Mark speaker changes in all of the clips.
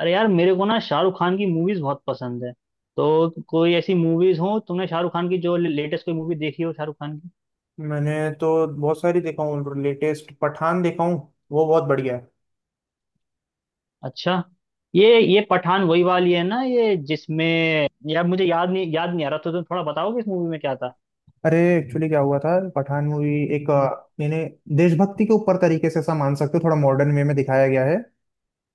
Speaker 1: अरे यार, मेरे को ना शाहरुख खान की मूवीज बहुत पसंद है। तो कोई ऐसी मूवीज हो तुमने शाहरुख खान की, जो लेटेस्ट कोई मूवी देखी हो शाहरुख खान की?
Speaker 2: मैंने तो बहुत सारी देखा हूँ। लेटेस्ट पठान देखा हूँ। वो बहुत बढ़िया है।
Speaker 1: अच्छा। ये पठान वही वाली है ना, ये जिसमें? यार, मुझे याद नहीं, याद नहीं आ रहा। तो तुम थोड़ा बताओगे इस मूवी में क्या था?
Speaker 2: अरे एक्चुअली क्या हुआ था पठान मूवी एक
Speaker 1: हम्म।
Speaker 2: अ, यानी देशभक्ति के ऊपर तरीके से ऐसा मान सकते हो, थोड़ा मॉडर्न वे में दिखाया गया है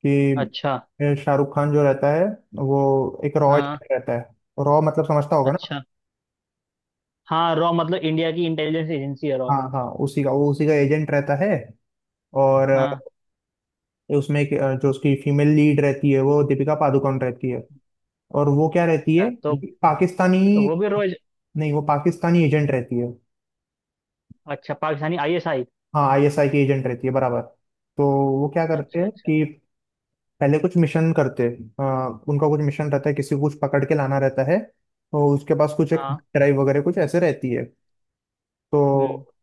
Speaker 2: कि
Speaker 1: अच्छा।
Speaker 2: शाहरुख खान जो रहता है वो एक रॉ एजेंट
Speaker 1: हाँ।
Speaker 2: रहता है। रॉ मतलब समझता होगा ना।
Speaker 1: अच्छा। हाँ, रॉ मतलब इंडिया की इंटेलिजेंस एजेंसी है, रॉ।
Speaker 2: हाँ हाँ उसी का एजेंट रहता है और
Speaker 1: हाँ।
Speaker 2: उसमें एक, जो उसकी फीमेल लीड रहती है वो दीपिका पादुकोण रहती है। और वो क्या रहती
Speaker 1: अच्छा,
Speaker 2: है?
Speaker 1: तो।
Speaker 2: पाकिस्तानी।
Speaker 1: तो वो भी रॉ?
Speaker 2: नहीं वो पाकिस्तानी एजेंट रहती है।
Speaker 1: अच्छा, पाकिस्तानी आईएसआई।
Speaker 2: हाँ आईएसआई की एजेंट रहती है, बराबर। तो वो क्या करते
Speaker 1: अच्छा,
Speaker 2: हैं
Speaker 1: अच्छा।
Speaker 2: कि पहले कुछ मिशन करते हैं, उनका कुछ मिशन रहता है, किसी को कुछ पकड़ के लाना रहता है। तो उसके पास कुछ एक
Speaker 1: हाँ।
Speaker 2: ड्राइव वगैरह कुछ ऐसे रहती है।
Speaker 1: हम्म।
Speaker 2: तो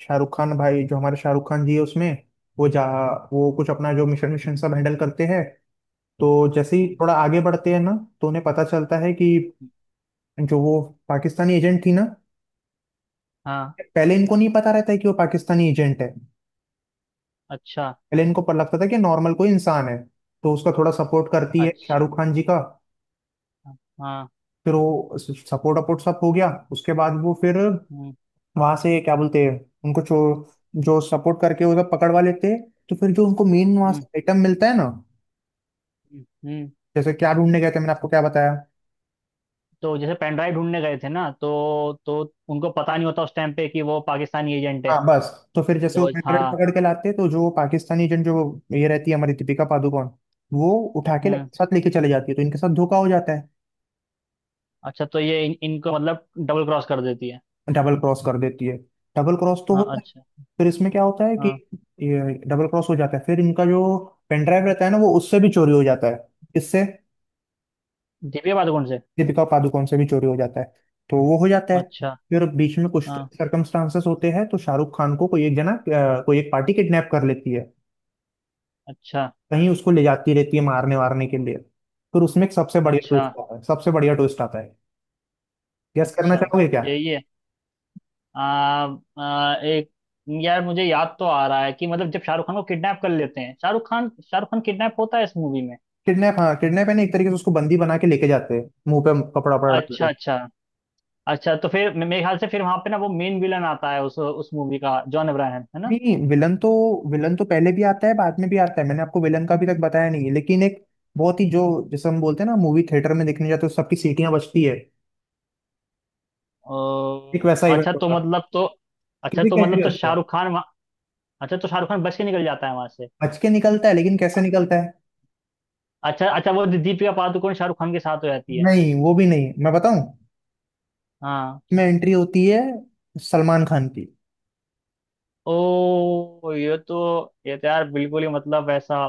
Speaker 2: शाहरुख खान भाई, जो हमारे शाहरुख खान जी है उसमें, वो जा वो कुछ अपना जो मिशन मिशन सब हैंडल करते हैं। तो जैसे ही
Speaker 1: हम्म।
Speaker 2: थोड़ा आगे बढ़ते हैं ना, तो उन्हें पता चलता है कि
Speaker 1: हम्म।
Speaker 2: जो वो पाकिस्तानी एजेंट थी ना,
Speaker 1: हाँ।
Speaker 2: पहले इनको नहीं पता रहता है कि वो पाकिस्तानी एजेंट है।
Speaker 1: अच्छा,
Speaker 2: पहले इनको पर लगता था कि नॉर्मल कोई इंसान है, तो उसका थोड़ा सपोर्ट करती है
Speaker 1: अच्छा।
Speaker 2: शाहरुख खान जी का।
Speaker 1: हाँ।
Speaker 2: फिर वो सपोर्ट अपोर्ट सब हो गया उसके बाद वो फिर
Speaker 1: हम्म।
Speaker 2: वहां से क्या बोलते हैं, उनको जो जो सपोर्ट करके वो सब पकड़ वाले थे, तो फिर जो उनको मेन वहां से
Speaker 1: हम्म।
Speaker 2: आइटम मिलता है ना।
Speaker 1: हम्म।
Speaker 2: जैसे क्या ढूंढने गए थे मैंने आपको क्या बताया?
Speaker 1: तो जैसे पेन ड्राइव ढूंढने गए थे ना, तो उनको पता नहीं होता उस टाइम पे कि वो पाकिस्तानी एजेंट है।
Speaker 2: हाँ बस। तो फिर जैसे वो
Speaker 1: तो
Speaker 2: पेट्रोल
Speaker 1: हाँ।
Speaker 2: पकड़ के लाते तो जो पाकिस्तानी एजेंट जो ये रहती है हमारी दीपिका पादुकोण, वो उठा के
Speaker 1: हम्म।
Speaker 2: साथ लेके चले जाती है, तो इनके साथ धोखा हो जाता है।
Speaker 1: अच्छा, तो ये इनको मतलब डबल क्रॉस कर देती है।
Speaker 2: डबल क्रॉस कर देती है। डबल क्रॉस तो
Speaker 1: हाँ,
Speaker 2: होता है।
Speaker 1: अच्छा।
Speaker 2: फिर इसमें क्या होता है कि
Speaker 1: हाँ।
Speaker 2: ये डबल क्रॉस हो जाता है, फिर इनका जो पेन ड्राइव रहता है ना वो उससे भी चोरी हो जाता है, इससे,
Speaker 1: दीपिका पादुकोण से।
Speaker 2: दीपिका पादुकोण से भी चोरी हो जाता है। तो वो हो जाता है।
Speaker 1: अच्छा।
Speaker 2: फिर बीच में कुछ
Speaker 1: हाँ।
Speaker 2: सर्कमस्टांसेस होते हैं, तो शाहरुख खान को कोई एक जना, कोई एक पार्टी किडनैप कर लेती है।
Speaker 1: अच्छा,
Speaker 2: कहीं उसको ले जाती रहती है मारने वारने के लिए। फिर उसमें एक सबसे बढ़िया
Speaker 1: अच्छा,
Speaker 2: ट्विस्ट आता है, सबसे बढ़िया ट्विस्ट आता है। गेस करना
Speaker 1: अच्छा।
Speaker 2: चाहोगे क्या?
Speaker 1: यही है। आ, एक। यार, मुझे याद तो आ रहा है कि मतलब जब शाहरुख खान को किडनैप कर लेते हैं, शाहरुख खान किडनैप होता है इस मूवी में।
Speaker 2: किडनैप, हाँ किडनैप है ना, एक तरीके से उसको बंदी बना के लेके जाते हैं, मुंह पे कपड़ा वपड़ा डाल के।
Speaker 1: अच्छा, अच्छा। अच्छा, तो फिर मेरे ख्याल से फिर वहां पे ना वो मेन विलन आता है उस मूवी का, जॉन अब्राहम है ना?
Speaker 2: नहीं विलन तो, विलन तो पहले भी आता है बाद में भी आता है, मैंने आपको विलन का अभी तक बताया नहीं है, लेकिन एक बहुत ही जो, जैसे हम बोलते हैं ना मूवी थिएटर में देखने जाते हैं तो सबकी सीटियां बजती है, एक
Speaker 1: और।
Speaker 2: वैसा इवेंट
Speaker 1: अच्छा, तो
Speaker 2: होता है,
Speaker 1: मतलब तो। अच्छा,
Speaker 2: किसी
Speaker 1: तो
Speaker 2: की
Speaker 1: मतलब
Speaker 2: एंट्री
Speaker 1: तो
Speaker 2: होती है।
Speaker 1: शाहरुख खान वहाँ। अच्छा, तो शाहरुख खान बच के निकल जाता है वहां से।
Speaker 2: बच के निकलता है लेकिन कैसे निकलता है?
Speaker 1: अच्छा, अच्छा, वो दीपिका पादुकोण शाहरुख खान के साथ हो जाती है।
Speaker 2: नहीं वो भी नहीं, मैं बताऊं,
Speaker 1: हाँ।
Speaker 2: इसमें एंट्री होती है सलमान खान की।
Speaker 1: ओ, ये तो। ये तो यार बिल्कुल ही मतलब ऐसा।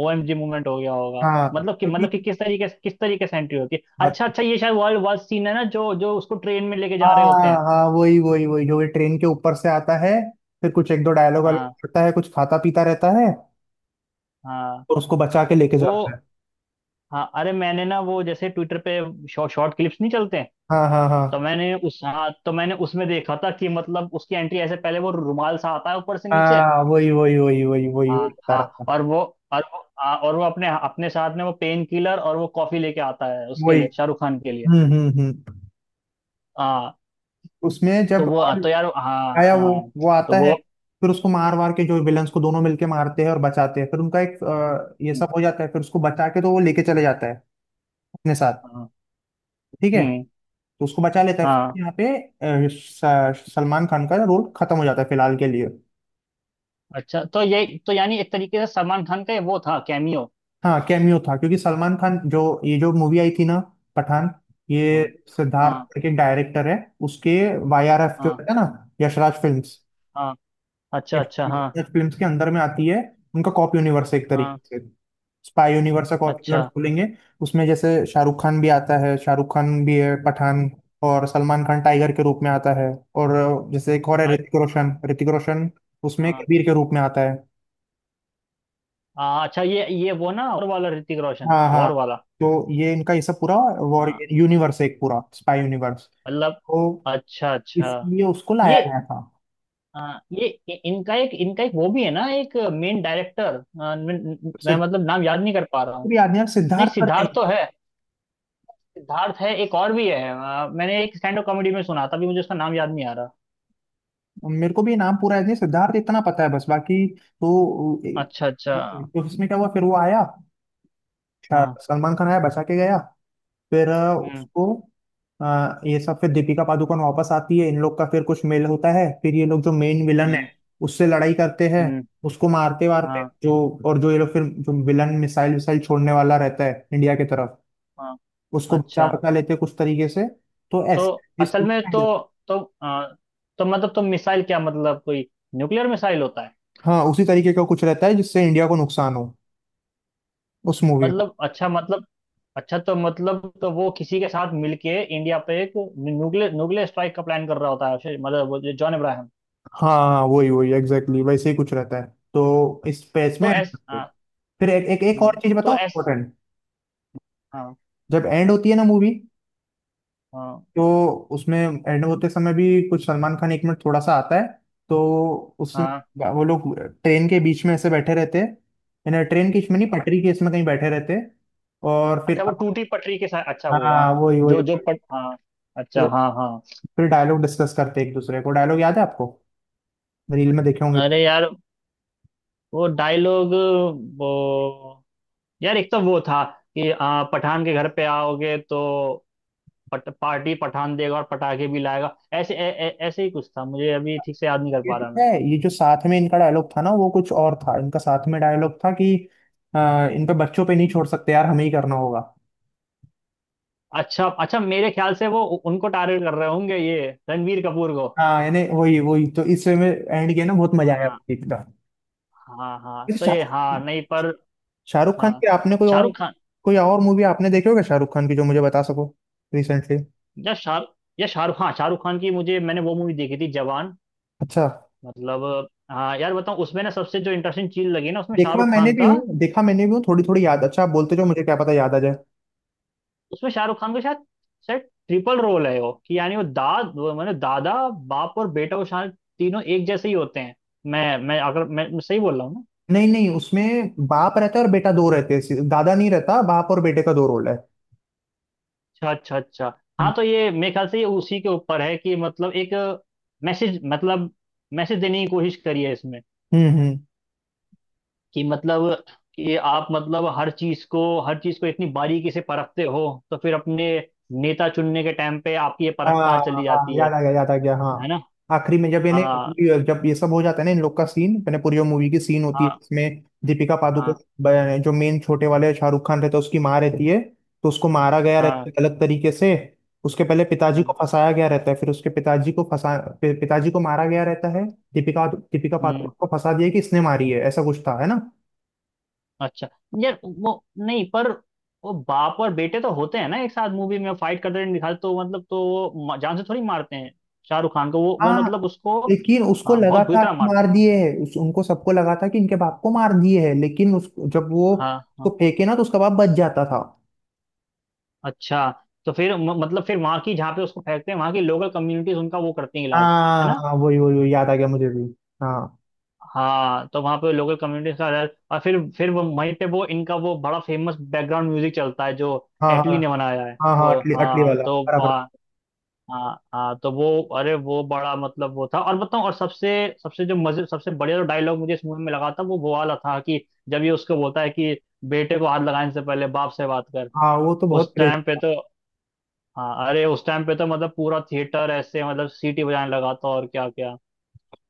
Speaker 1: ओएमजी मूवमेंट हो गया होगा,
Speaker 2: हाँ,
Speaker 1: मतलब कि
Speaker 2: क्योंकि
Speaker 1: मतलब कि किस तरीके से एंट्री होती है?
Speaker 2: बत-
Speaker 1: अच्छा, अच्छा, ये शायद वर्ल्ड वार सीन है ना, जो जो उसको ट्रेन में लेके जा रहे होते
Speaker 2: हाँ
Speaker 1: हैं।
Speaker 2: हाँ वही वही वही जो ट्रेन के ऊपर से आता है, फिर कुछ एक दो डायलॉग वायलॉग
Speaker 1: हाँ,
Speaker 2: करता है, कुछ खाता पीता रहता है
Speaker 1: हाँ।
Speaker 2: और उसको बचा के लेके
Speaker 1: वो।
Speaker 2: जाता है।
Speaker 1: हाँ, अरे मैंने ना वो जैसे ट्विटर पे शॉर्ट क्लिप्स नहीं चलते हैं?
Speaker 2: हाँ हाँ हाँ
Speaker 1: तो मैंने उस हाँ, तो मैंने उसमें देखा था कि मतलब उसकी एंट्री ऐसे, पहले वो रुमाल सा आता है ऊपर से नीचे।
Speaker 2: हाँ वही वही वही वही वही वही
Speaker 1: हाँ,
Speaker 2: बता
Speaker 1: हाँ,
Speaker 2: रहा था।
Speaker 1: और वो। और वो। हाँ, और वो अपने अपने साथ में वो पेन किलर और वो कॉफी लेके आता है उसके
Speaker 2: वही।
Speaker 1: लिए, शाहरुख खान के लिए।
Speaker 2: हम्म।
Speaker 1: हाँ,
Speaker 2: उसमें जब
Speaker 1: तो वो। हाँ,
Speaker 2: और
Speaker 1: तो यार, हाँ,
Speaker 2: आया वो
Speaker 1: हाँ।
Speaker 2: वो आता
Speaker 1: तो
Speaker 2: है,
Speaker 1: वो।
Speaker 2: फिर उसको मार वार के जो विलन्स को दोनों मिलके मारते हैं और बचाते हैं, फिर उनका एक ये सब हो जाता है, फिर उसको बचा के तो वो लेके चले जाता है अपने साथ।
Speaker 1: हाँ।
Speaker 2: ठीक है।
Speaker 1: हम्म।
Speaker 2: तो उसको बचा लेता है,
Speaker 1: हाँ।
Speaker 2: फिर यहाँ पे सलमान खान का रोल खत्म हो जाता है फिलहाल के लिए।
Speaker 1: अच्छा, तो ये तो यानी एक तरीके से सलमान खान का ये वो था, कैमियो।
Speaker 2: हाँ कैमियो था, क्योंकि सलमान खान जो, ये जो मूवी आई थी ना पठान, ये
Speaker 1: हाँ, हाँ,
Speaker 2: सिद्धार्थ के डायरेक्टर है, उसके वाईआरएफ जो
Speaker 1: हाँ,
Speaker 2: है ना, यशराज फिल्म्स,
Speaker 1: हाँ। अच्छा, अच्छा, हाँ।
Speaker 2: यशराज फिल्म्स के अंदर में आती है। उनका कॉप यूनिवर्स है एक
Speaker 1: हाँ।
Speaker 2: तरीके से, स्पाई यूनिवर्स का, कॉप
Speaker 1: अच्छा।
Speaker 2: यूनिवर्स बोलेंगे। उसमें जैसे शाहरुख खान भी आता है, शाहरुख खान भी है पठान, और सलमान खान टाइगर के रूप में आता है, और जैसे एक और है ऋतिक रोशन, ऋतिक रोशन उसमें
Speaker 1: हाँ,
Speaker 2: कबीर के रूप में आता है।
Speaker 1: हाँ, अच्छा, ये वो ना और वाला ऋतिक रोशन,
Speaker 2: हाँ हाँ
Speaker 1: वॉर वाला।
Speaker 2: तो ये इनका ये सब पूरा वॉर
Speaker 1: हाँ।
Speaker 2: यूनिवर्स है, एक पूरा स्पाई यूनिवर्स।
Speaker 1: मतलब।
Speaker 2: तो
Speaker 1: अच्छा, अच्छा।
Speaker 2: इसलिए उसको लाया
Speaker 1: ये।
Speaker 2: गया था।
Speaker 1: हाँ, ये इनका एक वो भी है ना, एक मेन डायरेक्टर, मैं
Speaker 2: सिद्ध-
Speaker 1: मतलब नाम याद नहीं कर पा रहा हूँ।
Speaker 2: भी याद नहीं यार,
Speaker 1: नहीं,
Speaker 2: सिद्धार्थ पर।
Speaker 1: सिद्धार्थ तो है। सिद्धार्थ है, एक और भी है, मैंने एक स्टैंड अप कॉमेडी में सुना था, अभी मुझे उसका नाम याद नहीं आ रहा।
Speaker 2: मेरे को भी नाम पूरा याद नहीं, सिद्धार्थ इतना पता है बस, बाकी तो।
Speaker 1: अच्छा, अच्छा।
Speaker 2: तो इसमें क्या हुआ फिर, वो आया, अच्छा,
Speaker 1: हाँ।
Speaker 2: सलमान खान आया बचा के गया, फिर
Speaker 1: हम्म।
Speaker 2: उसको ये सब, फिर दीपिका पादुकोण वापस आती है, इन लोग का फिर कुछ मेल होता है, फिर ये लोग जो मेन विलन है
Speaker 1: हम्म।
Speaker 2: उससे लड़ाई करते हैं,
Speaker 1: हम्म।
Speaker 2: उसको मारते वारते
Speaker 1: हाँ,
Speaker 2: जो, और जो ये लोग फिर जो विलन मिसाइल विसाइल छोड़ने वाला रहता है इंडिया की तरफ,
Speaker 1: हाँ।
Speaker 2: उसको बचा
Speaker 1: अच्छा,
Speaker 2: बचा लेते हैं कुछ तरीके से। तो
Speaker 1: तो।
Speaker 2: ऐसे इस,
Speaker 1: असल में तो। तो अ, तो मतलब तो मिसाइल क्या मतलब, कोई न्यूक्लियर मिसाइल होता है?
Speaker 2: हाँ उसी तरीके का कुछ रहता है जिससे इंडिया को नुकसान हो उस मूवी में।
Speaker 1: मतलब, अच्छा, मतलब। अच्छा, तो मतलब तो वो किसी के साथ मिलके इंडिया पे एक न्यूक्लियर न्यूक्लियर स्ट्राइक का प्लान कर रहा होता है, मतलब वो जो जॉन अब्राहम।
Speaker 2: हाँ हाँ वही वही एग्जैक्टली exactly, वैसे ही कुछ रहता है। तो इस पेज में
Speaker 1: तो
Speaker 2: end
Speaker 1: एस,
Speaker 2: करते हैं।
Speaker 1: हाँ।
Speaker 2: फिर एक एक, एक और चीज
Speaker 1: तो
Speaker 2: बताऊं
Speaker 1: एस।
Speaker 2: इम्पोर्टेंट।
Speaker 1: हाँ
Speaker 2: जब एंड होती है ना मूवी,
Speaker 1: हाँ।
Speaker 2: तो उसमें एंड होते समय भी कुछ सलमान खान एक मिनट थोड़ा सा आता है। तो उसमें
Speaker 1: हाँ।
Speaker 2: वो लोग ट्रेन के बीच में ऐसे बैठे रहते हैं, यानी ट्रेन के बीच में नहीं, पटरी के इसमें कहीं बैठे रहते हैं, और फिर,
Speaker 1: अच्छा, वो टूटी पटरी के साथ, अच्छा, वो हाँ।
Speaker 2: हाँ वही वही
Speaker 1: जो जो
Speaker 2: वही।
Speaker 1: पट हाँ।
Speaker 2: फिर
Speaker 1: अच्छा, हाँ, हाँ।
Speaker 2: फिर डायलॉग डिस्कस करते हैं एक दूसरे को। डायलॉग याद है आपको? रील में देखे होंगे।
Speaker 1: अरे यार, वो डायलॉग, वो यार एक तो वो था कि पठान के घर पे आओगे तो पार्टी पठान देगा और पटाखे भी लाएगा, ऐसे ऐसे ही कुछ था, मुझे अभी ठीक से याद नहीं कर
Speaker 2: ये
Speaker 1: पा
Speaker 2: तो
Speaker 1: रहा
Speaker 2: है,
Speaker 1: मैं।
Speaker 2: ये जो साथ में इनका डायलॉग था ना वो कुछ और था, इनका साथ में डायलॉग था कि इन पे बच्चों पे नहीं छोड़ सकते यार, हमें ही करना होगा।
Speaker 1: अच्छा, अच्छा, मेरे ख्याल से वो उनको टारगेट कर रहे होंगे, ये रणवीर कपूर को।
Speaker 2: हाँ यानी वही वही, तो इस वे में एंड किया ना, बहुत मजा आया
Speaker 1: हाँ,
Speaker 2: एकदम।
Speaker 1: हाँ, हाँ,
Speaker 2: वैसे
Speaker 1: तो ये, हाँ, नहीं पर।
Speaker 2: शाहरुख खान
Speaker 1: हाँ,
Speaker 2: की आपने कोई और,
Speaker 1: शाहरुख खान।
Speaker 2: कोई और मूवी आपने देखी होगा शाहरुख खान की जो मुझे बता सको रिसेंटली।
Speaker 1: या शाह। या शाहरुख, हाँ, शाहरुख खान की मुझे मैंने वो मूवी देखी थी, जवान।
Speaker 2: अच्छा,
Speaker 1: मतलब हाँ यार, बताऊँ, उसमें ना सबसे जो इंटरेस्टिंग चीज लगी ना, उसमें
Speaker 2: देखा
Speaker 1: शाहरुख
Speaker 2: मैंने
Speaker 1: खान
Speaker 2: भी
Speaker 1: का।
Speaker 2: हूँ, देखा मैंने भी हूँ थोड़ी थोड़ी याद, अच्छा आप बोलते जो मुझे क्या पता याद आ जाए।
Speaker 1: उसमें शाहरुख खान का शायद। शायद ट्रिपल रोल है वो, कि यानी वो मतलब दादा। बाप और बेटा, वो शायद तीनों एक जैसे ही होते हैं। मैं अगर मैं मैं सही बोल रहा हूँ।
Speaker 2: नहीं नहीं, उसमें बाप रहता है और बेटा दो रहते हैं, दादा नहीं रहता, बाप और बेटे का दो रोल है।
Speaker 1: अच्छा, अच्छा, अच्छा।
Speaker 2: हम्म
Speaker 1: हाँ, तो ये मेरे ख्याल से ये उसी के ऊपर है कि मतलब एक। मैसेज मतलब। मैसेज देने की कोशिश करी है इसमें।
Speaker 2: हम्म।
Speaker 1: कि मतलब। कि आप मतलब हर चीज को इतनी बारीकी से परखते हो। तो फिर अपने। नेता चुनने के टाइम पे आपकी ये
Speaker 2: हाँ
Speaker 1: परख कहाँ चली
Speaker 2: हाँ
Speaker 1: जाती है?
Speaker 2: याद आ गया याद आ गया, हाँ।
Speaker 1: है ना?
Speaker 2: आखिरी में जब
Speaker 1: हाँ,
Speaker 2: इन्हें, जब ये सब हो जाता है ना, इन लोग का सीन, मैंने पूरी वो मूवी की सीन होती है
Speaker 1: हाँ,
Speaker 2: इसमें, दीपिका पादुकोण
Speaker 1: हाँ,
Speaker 2: जो मेन छोटे वाले शाहरुख खान रहता है उसकी माँ रहती है, तो उसको मारा गया
Speaker 1: हाँ।
Speaker 2: रहता है गलत तरीके से। उसके पहले पिताजी को
Speaker 1: हम्म।
Speaker 2: फंसाया गया रहता है, फिर उसके पिताजी को फंसा, पिताजी को मारा गया रहता है। दीपिका दीपिका
Speaker 1: हम्म।
Speaker 2: पादुकोण को फंसा दिया कि इसने मारी है, ऐसा कुछ था है ना।
Speaker 1: अच्छा। यार, वो नहीं पर। वो बाप और बेटे तो होते हैं ना, एक साथ मूवी में फाइट करते हुए दिखाते, तो मतलब तो वो जान से थोड़ी मारते हैं। शाहरुख खान को वो
Speaker 2: हाँ,
Speaker 1: मतलब उसको।
Speaker 2: लेकिन उसको
Speaker 1: हाँ,
Speaker 2: लगा
Speaker 1: बहुत बुरी
Speaker 2: था
Speaker 1: तरह
Speaker 2: कि
Speaker 1: मारते
Speaker 2: मार
Speaker 1: हैं।
Speaker 2: दिए है, उस उनको सबको लगा था कि इनके बाप को मार दिए है, लेकिन उस जब वो
Speaker 1: हाँ,
Speaker 2: उसको
Speaker 1: हाँ।
Speaker 2: फेंके ना तो उसका बाप बच जाता था।
Speaker 1: अच्छा, तो फिर मतलब फिर वहां की, जहाँ पे उसको फेंकते हैं, वहां की लोकल कम्युनिटीज उनका वो करती हैं, इलाज। है
Speaker 2: हाँ
Speaker 1: ना?
Speaker 2: हाँ वही वही वही, याद आ गया मुझे भी। हाँ
Speaker 1: हाँ, तो वहां पे लोकल कम्युनिटीज का इलाज, और फिर वो वहीं पे वो इनका वो बड़ा फेमस बैकग्राउंड म्यूजिक चलता है जो
Speaker 2: हाँ हाँ
Speaker 1: एटली ने बनाया है
Speaker 2: हाँ हाँ,
Speaker 1: वो,
Speaker 2: अटली, अटली
Speaker 1: हाँ,
Speaker 2: वाला
Speaker 1: तो
Speaker 2: बराबर।
Speaker 1: वहाँ। हाँ, हाँ, तो वो। अरे वो बड़ा मतलब वो था, और बताऊं, और सबसे। सबसे जो मजे सबसे बढ़िया जो डायलॉग मुझे इस मूवी में लगा था, वो वाला था कि जब ये उसको बोलता है कि बेटे को हाथ लगाने से पहले बाप से बात कर।
Speaker 2: हाँ वो तो बहुत
Speaker 1: उस
Speaker 2: क्रेज
Speaker 1: टाइम पे
Speaker 2: था।
Speaker 1: तो। हाँ, अरे उस टाइम पे तो मतलब पूरा थिएटर ऐसे मतलब सीटी बजाने लगा था, और क्या क्या।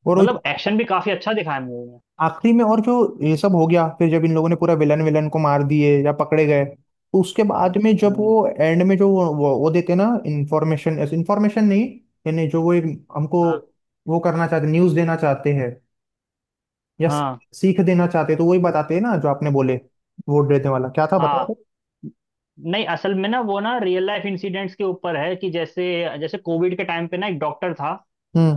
Speaker 2: और वो
Speaker 1: मतलब
Speaker 2: जो
Speaker 1: एक्शन भी काफी अच्छा दिखाया मूवी में।
Speaker 2: आखिरी में, और जो ये सब हो गया, फिर जब इन लोगों ने पूरा विलन विलन को मार दिए या पकड़े गए, तो उसके
Speaker 1: हाँ,
Speaker 2: बाद में जब
Speaker 1: हम्म।
Speaker 2: वो एंड में जो, वो देते ना इंफॉर्मेशन, इंफॉर्मेशन नहीं, यानी जो वो एक हमको
Speaker 1: हाँ,
Speaker 2: वो करना चाहते, न्यूज़ देना चाहते हैं, या
Speaker 1: हाँ,
Speaker 2: सीख देना चाहते हैं, तो वही बताते हैं ना जो आपने बोले, वोट देने वाला क्या था
Speaker 1: हाँ।
Speaker 2: बताओ तो?
Speaker 1: नहीं, असल में ना वो ना रियल लाइफ इंसिडेंट्स के ऊपर है, कि जैसे जैसे कोविड के टाइम पे ना एक डॉक्टर था।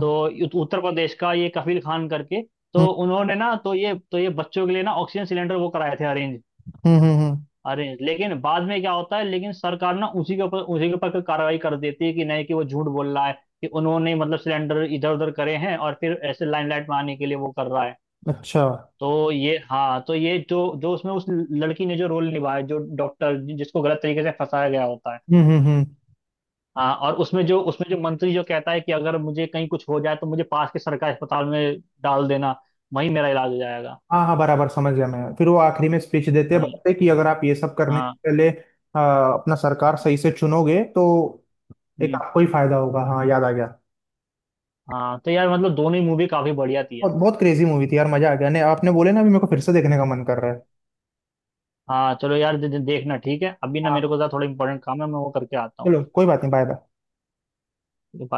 Speaker 1: तो उत्तर प्रदेश का ये कफील खान करके,
Speaker 2: हम्म
Speaker 1: तो उन्होंने ना, तो ये बच्चों के लिए ना ऑक्सीजन सिलेंडर वो कराए थे अरेंज।
Speaker 2: हम्म हम्म हम्म,
Speaker 1: अरेंज, लेकिन बाद में क्या होता है, लेकिन सरकार ना उसी के ऊपर कोई कार्रवाई कर देती है कि नहीं, कि वो झूठ बोल रहा है कि उन्होंने मतलब सिलेंडर इधर उधर करे हैं और फिर ऐसे लाइमलाइट में आने के लिए वो कर रहा है।
Speaker 2: अच्छा।
Speaker 1: तो ये हाँ, तो ये जो जो उसमें उस लड़की ने जो रोल निभाया, जो डॉक्टर जिसको गलत तरीके से फंसाया गया होता है।
Speaker 2: हम्म।
Speaker 1: हाँ, और उसमें जो मंत्री जो कहता है कि अगर मुझे कहीं कुछ हो जाए तो मुझे पास के सरकारी अस्पताल में डाल देना, वहीं मेरा इलाज हो जाएगा।
Speaker 2: हाँ हाँ बराबर समझ गया मैं, फिर वो आखिरी में स्पीच देते हैं,
Speaker 1: हाँ,
Speaker 2: बताते हैं कि अगर आप ये सब करने से
Speaker 1: हाँ,
Speaker 2: पहले अपना सरकार सही से चुनोगे तो एक
Speaker 1: हम्म।
Speaker 2: आपको ही फायदा होगा, हाँ याद आ गया।
Speaker 1: हाँ, तो यार मतलब दोनों ही मूवी काफी बढ़िया थी यार।
Speaker 2: और बहुत क्रेजी मूवी थी यार, मजा आ गया ने, आपने बोले ना अभी मेरे को फिर से देखने का मन कर रहा है।
Speaker 1: हाँ, चलो यार, दे, दे- देखना ठीक है, अभी ना
Speaker 2: हाँ
Speaker 1: मेरे को जरा थोड़ा इंपॉर्टेंट काम है, मैं वो करके आता
Speaker 2: चलो, कोई बात नहीं, बाय बाय।
Speaker 1: हूँ।